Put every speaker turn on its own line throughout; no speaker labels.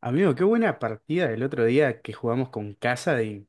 Amigo, qué buena partida del otro día que jugamos con casa y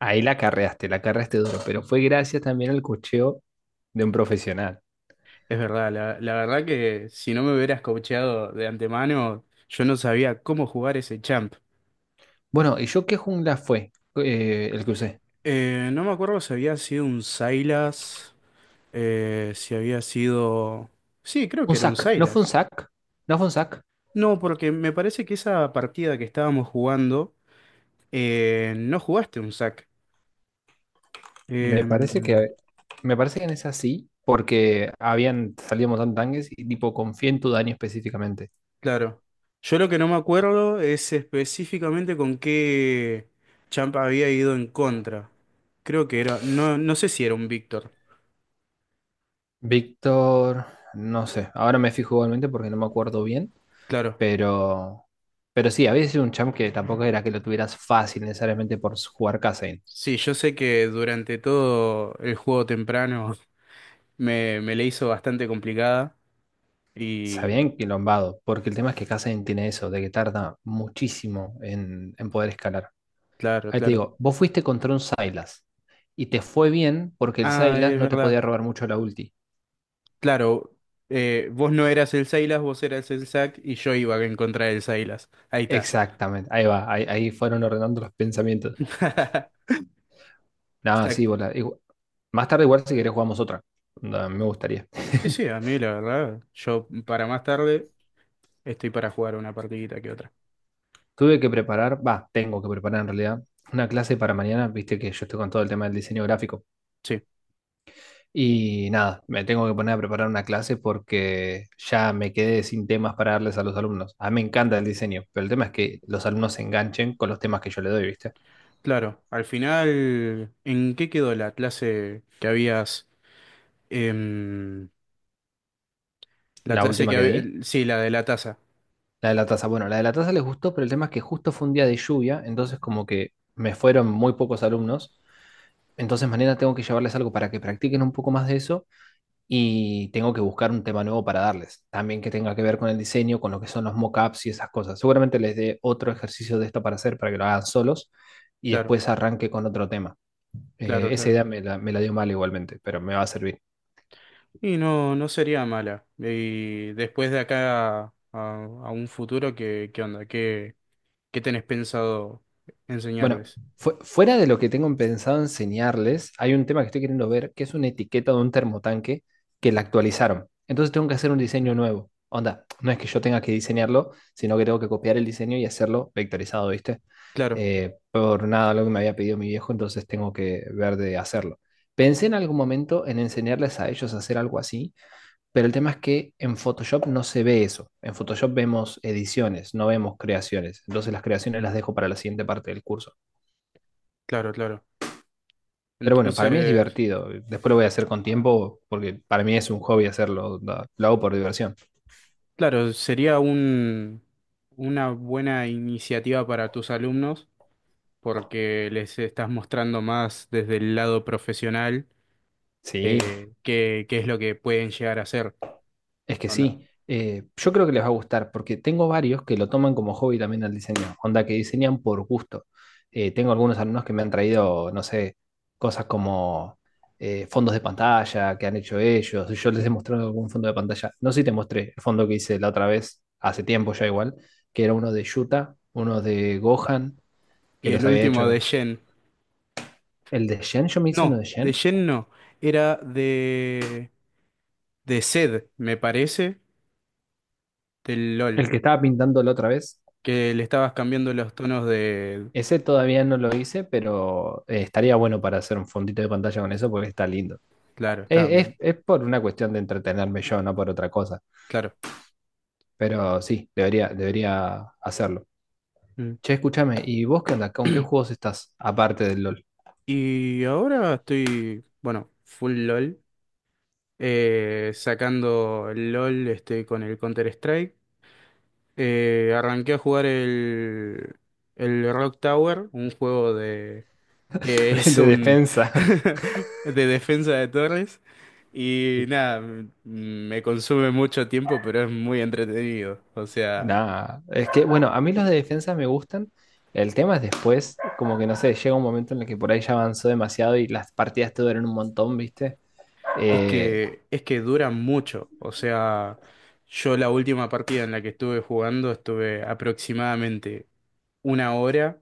Ahí la carreaste duro, pero fue gracias también al cocheo de un profesional.
es verdad, la verdad que si no me hubieras coacheado de antemano, yo no sabía cómo jugar ese champ.
Bueno, ¿y yo qué jungla fue el que usé?
No me acuerdo si había sido un Sylas, si había sido... Sí, creo
Un
que era un
sac, ¿no fue un
Sylas.
sac? ¿No fue un sac?
No, porque me parece que esa partida que estábamos jugando, no jugaste un sac.
Me parece que, me parece que en esa sí, porque habían salido un montón de tanques y tipo confié en tu daño específicamente.
Claro. Yo lo que no me acuerdo es específicamente con qué champ había ido en contra. Creo que era, no, no sé si era un Víctor.
Víctor, no sé, ahora me fijo igualmente porque no me acuerdo bien,
Claro.
pero, pero sí, había sido un champ que tampoco era que lo tuvieras fácil necesariamente por jugar Kazain.
Sí, yo sé que durante todo el juego temprano me le hizo bastante complicada.
Se había
Y
enquilombado, porque el tema es que Cassian tiene eso, de que tarda muchísimo en poder escalar. Ahí te
claro.
digo, vos fuiste contra un Sylas y te fue bien porque el
Ah,
Sylas
es
no te
verdad.
podía robar mucho la ulti.
Claro, vos no eras el Silas, vos eras el Zack y yo iba en contra del Silas. Ahí está.
Exactamente, ahí va, ahí fueron ordenando los pensamientos. Nada, sí,
Zack.
bola. Más tarde igual si querés jugamos otra. Onda, me gustaría.
Sí, sí, a mí la verdad, yo para más tarde. Estoy para jugar una partidita que otra.
Tuve que preparar, va, tengo que preparar en realidad, una clase para mañana, viste que yo estoy con todo el tema del diseño gráfico.
Sí,
Y nada, me tengo que poner a preparar una clase porque ya me quedé sin temas para darles a los alumnos. A mí me encanta el diseño, pero el tema es que los alumnos se enganchen con los temas que yo le doy, ¿viste?
claro. Al final, ¿en qué quedó la clase que habías... em, la
La
clase
última
que...
que di,
hab- Sí, la de la taza.
la de la taza. Bueno, la de la taza les gustó, pero el tema es que justo fue un día de lluvia, entonces como que me fueron muy pocos alumnos. Entonces mañana tengo que llevarles algo para que practiquen un poco más de eso y tengo que buscar un tema nuevo para darles, también que tenga que ver con el diseño, con lo que son los mockups y esas cosas. Seguramente les dé otro ejercicio de esto para hacer, para que lo hagan solos y
Claro,
después arranque con otro tema.
claro,
Esa
claro.
idea me la dio mal igualmente, pero me va a servir.
Y no, no sería mala. Y después de acá a un futuro, ¿qué, qué onda? ¿Qué tenés pensado
Bueno,
enseñarles?
fuera de lo que tengo pensado enseñarles, hay un tema que estoy queriendo ver, que es una etiqueta de un termotanque que la actualizaron. Entonces tengo que hacer un diseño
Mm,
nuevo. Onda, no es que yo tenga que diseñarlo, sino que tengo que copiar el diseño y hacerlo vectorizado, ¿viste?
claro,
Por nada lo que me había pedido mi viejo, entonces tengo que ver de hacerlo. Pensé en algún momento en enseñarles a ellos a hacer algo así, pero el tema es que en Photoshop no se ve eso. En Photoshop vemos ediciones, no vemos creaciones. Entonces las creaciones las dejo para la siguiente parte del curso.
claro, claro.
Pero bueno, para mí es
Entonces,
divertido. Después lo voy a hacer con tiempo porque para mí es un hobby hacerlo. Lo hago por diversión.
claro, sería una buena iniciativa para tus alumnos porque les estás mostrando más desde el lado profesional
Sí,
qué es lo que pueden llegar a hacer.
es que
Onda.
sí. Yo creo que les va a gustar porque tengo varios que lo toman como hobby también al diseño. Onda que diseñan por gusto. Tengo algunos alumnos que me han traído, no sé, cosas como fondos de pantalla que han hecho ellos. Yo les he
Mm.
mostrado algún fondo de pantalla. No sé si te mostré el fondo que hice la otra vez, hace tiempo ya igual, que era uno de Yuta, uno de Gohan, que
Y el
los había
último de
hecho.
Shen.
El de Shen, yo me hice uno de
No, de
Shen.
Shen no. Era de Zed, me parece, del LOL.
El que estaba pintando la otra vez.
Que le estabas cambiando los tonos de...
Ese todavía no lo hice, pero estaría bueno para hacer un fondito de pantalla con eso porque está lindo.
Claro, está...
Es,
mm,
es por una cuestión de entretenerme yo, no por otra cosa.
claro.
Pero sí, debería hacerlo.
Mm.
Che, escúchame, ¿y vos qué onda? ¿Con qué juegos estás? Aparte del LOL.
Y ahora estoy, bueno, full LOL. Sacando el LOL este, con el Counter-Strike. Arranqué a jugar el Rock Tower, un juego de que es
De
un
defensa.
de defensa de torres. Y nada, me consume mucho tiempo, pero es muy entretenido. O sea,
Nada. Es que, bueno, a mí los de defensa me gustan. El tema es después, como que no sé, llega un momento en el que por ahí ya avanzó demasiado y las partidas te duran un montón, ¿viste? Eh,
es que dura mucho. O sea, yo la última partida en la que estuve jugando estuve aproximadamente una hora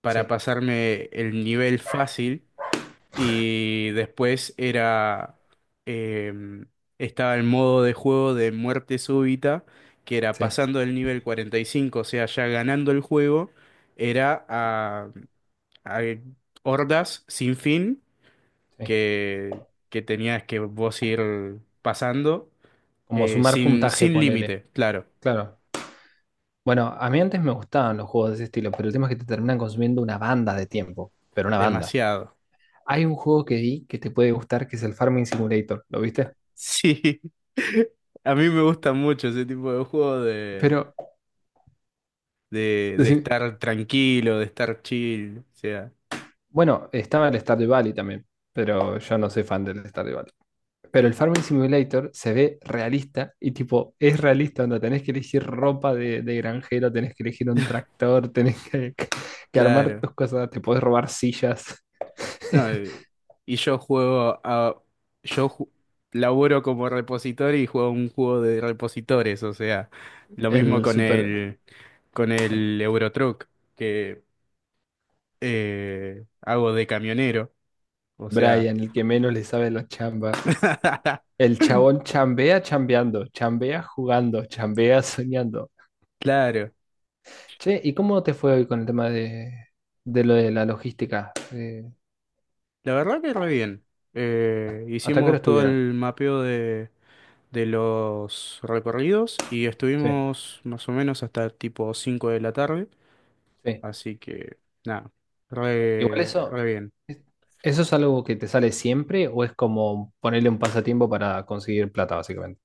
para
Sí,
pasarme el nivel fácil y después era. em, estaba el modo de juego de muerte súbita, que era
sí,
pasando el nivel 45, o sea, ya ganando el juego, era a hordas sin fin
sí.
que, que tenías que vos ir pasando,
Como sumar puntaje,
sin
ponele.
límite, claro,
Claro. Bueno, a mí antes me gustaban los juegos de ese estilo, pero el tema es que te terminan consumiendo una banda de tiempo, pero una banda.
demasiado.
Hay un juego que vi que te puede gustar, que es el Farming Simulator, ¿lo viste?
Sí, a mí me gusta mucho ese tipo de juego
Pero,
de
decí-
estar tranquilo, de estar chill, o sea,
bueno, estaba el Stardew Valley también, pero yo no soy fan del Stardew Valley. Pero el Farming Simulator se ve realista y tipo, es realista, onda, tenés que elegir ropa de granjero, tenés que elegir un tractor, que armar
claro.
tus cosas, te podés robar sillas.
No, y yo juego yo ju- laburo como repositorio y juego un juego de repositores, o sea, lo mismo
El
con
super
con el Eurotruck, que hago de camionero, o sea,
Brian, el que menos le sabe la chamba. El chabón chambea chambeando, chambea jugando, chambea soñando.
claro,
Che, ¿y cómo te fue hoy con el tema de lo de la logística?
la verdad que re bien.
¿Hasta qué hora
Hicimos todo
estuvieron?
el mapeo de los recorridos y
Sí.
estuvimos más o menos hasta tipo 5 de la tarde,
Sí.
así que nada,
Igual eso,
re bien.
¿eso es algo que te sale siempre o es como ponerle un pasatiempo para conseguir plata, básicamente?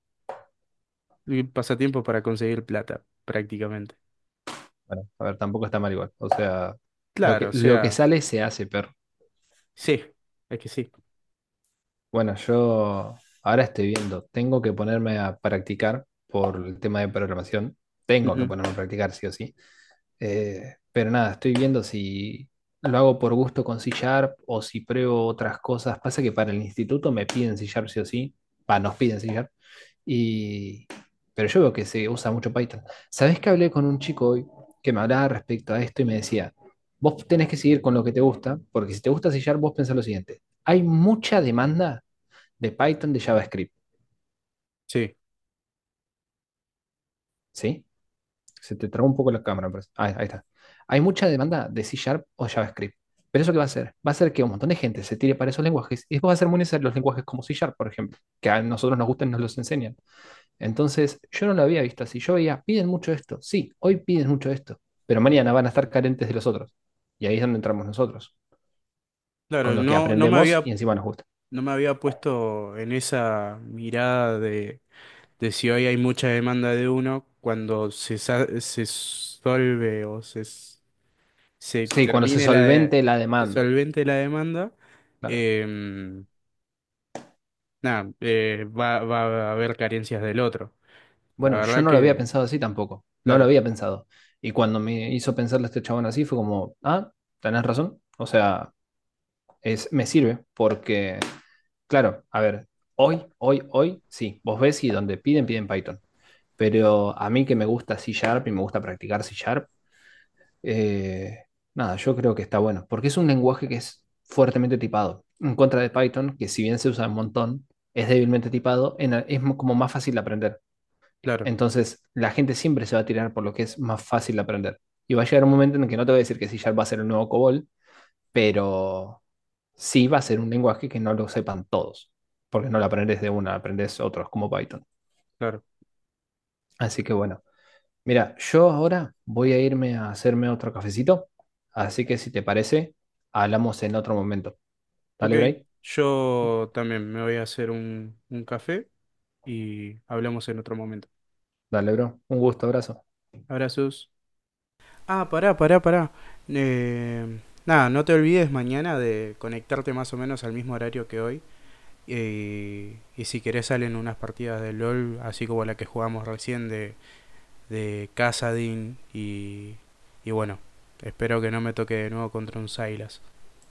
Y pasatiempo para conseguir plata, prácticamente.
Bueno, a ver, tampoco está mal igual. O sea,
Claro, o
lo que
sea,
sale se hace, perro.
sí, es que sí.
Bueno, yo ahora estoy viendo, tengo que ponerme a practicar por el tema de programación, tengo que
Ujú,
ponerme a practicar sí o sí. Pero nada, estoy viendo si lo hago por gusto con C Sharp o si pruebo otras cosas. Pasa que para el instituto me piden C Sharp sí o sí, va, nos piden C Sharp, y... pero yo veo que se usa mucho Python. ¿Sabés que hablé con un chico hoy que me hablaba respecto a esto y me decía, vos tenés que seguir con lo que te gusta, porque si te gusta C Sharp, vos pensás lo siguiente, hay mucha demanda de Python, de JavaScript,
sí,
¿sí? Se te trabó un poco la cámara, pero ah, ahí está. Hay mucha demanda de C Sharp o JavaScript. ¿Pero eso qué va a hacer? Va a hacer que un montón de gente se tire para esos lenguajes y después va a ser muy necesario los lenguajes como C Sharp, por ejemplo, que a nosotros nos gustan y nos los enseñan. Entonces, yo no lo había visto así. Yo veía, piden mucho esto. Sí, hoy piden mucho esto, pero mañana van a estar carentes de los otros. Y ahí es donde entramos nosotros,
claro,
con lo que aprendemos y encima nos gusta.
no me había puesto en esa mirada de si hoy hay mucha demanda de uno cuando se solve o se
Sí, cuando se
termine la de-
solvente la
se
demanda,
solvente la demanda,
claro.
em, nada, va, va a haber carencias del otro. La
Bueno, yo
verdad
no lo había
que,
pensado así tampoco. No lo
claro,
había pensado. Y cuando me hizo pensarle este chabón así, fue como, ah, tenés razón. O sea, es, me sirve porque, claro, a ver, hoy, sí, vos ves y donde piden, piden Python. Pero a mí que me gusta C Sharp y me gusta practicar C Sharp, eh, nada, yo creo que está bueno. Porque es un lenguaje que es fuertemente tipado. En contra de Python, que si bien se usa un montón, es débilmente tipado, es como más fácil de aprender.
claro,
Entonces, la gente siempre se va a tirar por lo que es más fácil de aprender. Y va a llegar un momento en que no te voy a decir que C Sharp va a ser el nuevo COBOL, pero sí va a ser un lenguaje que no lo sepan todos, porque no lo aprendes de una, aprendes otros como Python.
claro.
Así que bueno, mira, yo ahora voy a irme a hacerme otro cafecito, así que si te parece, hablamos en otro momento.
Ok,
Dale, Bray.
yo también me voy a hacer un café y hablamos en otro momento.
Dale, bro. Un gusto, abrazo.
Abrazos. Ah, pará, pará, pará. Eh, nada, no te olvides mañana de conectarte más o menos al mismo horario que hoy. Y si querés salen unas partidas de LOL, así como la que jugamos recién de Casadin y bueno, espero que no me toque de nuevo contra un Silas.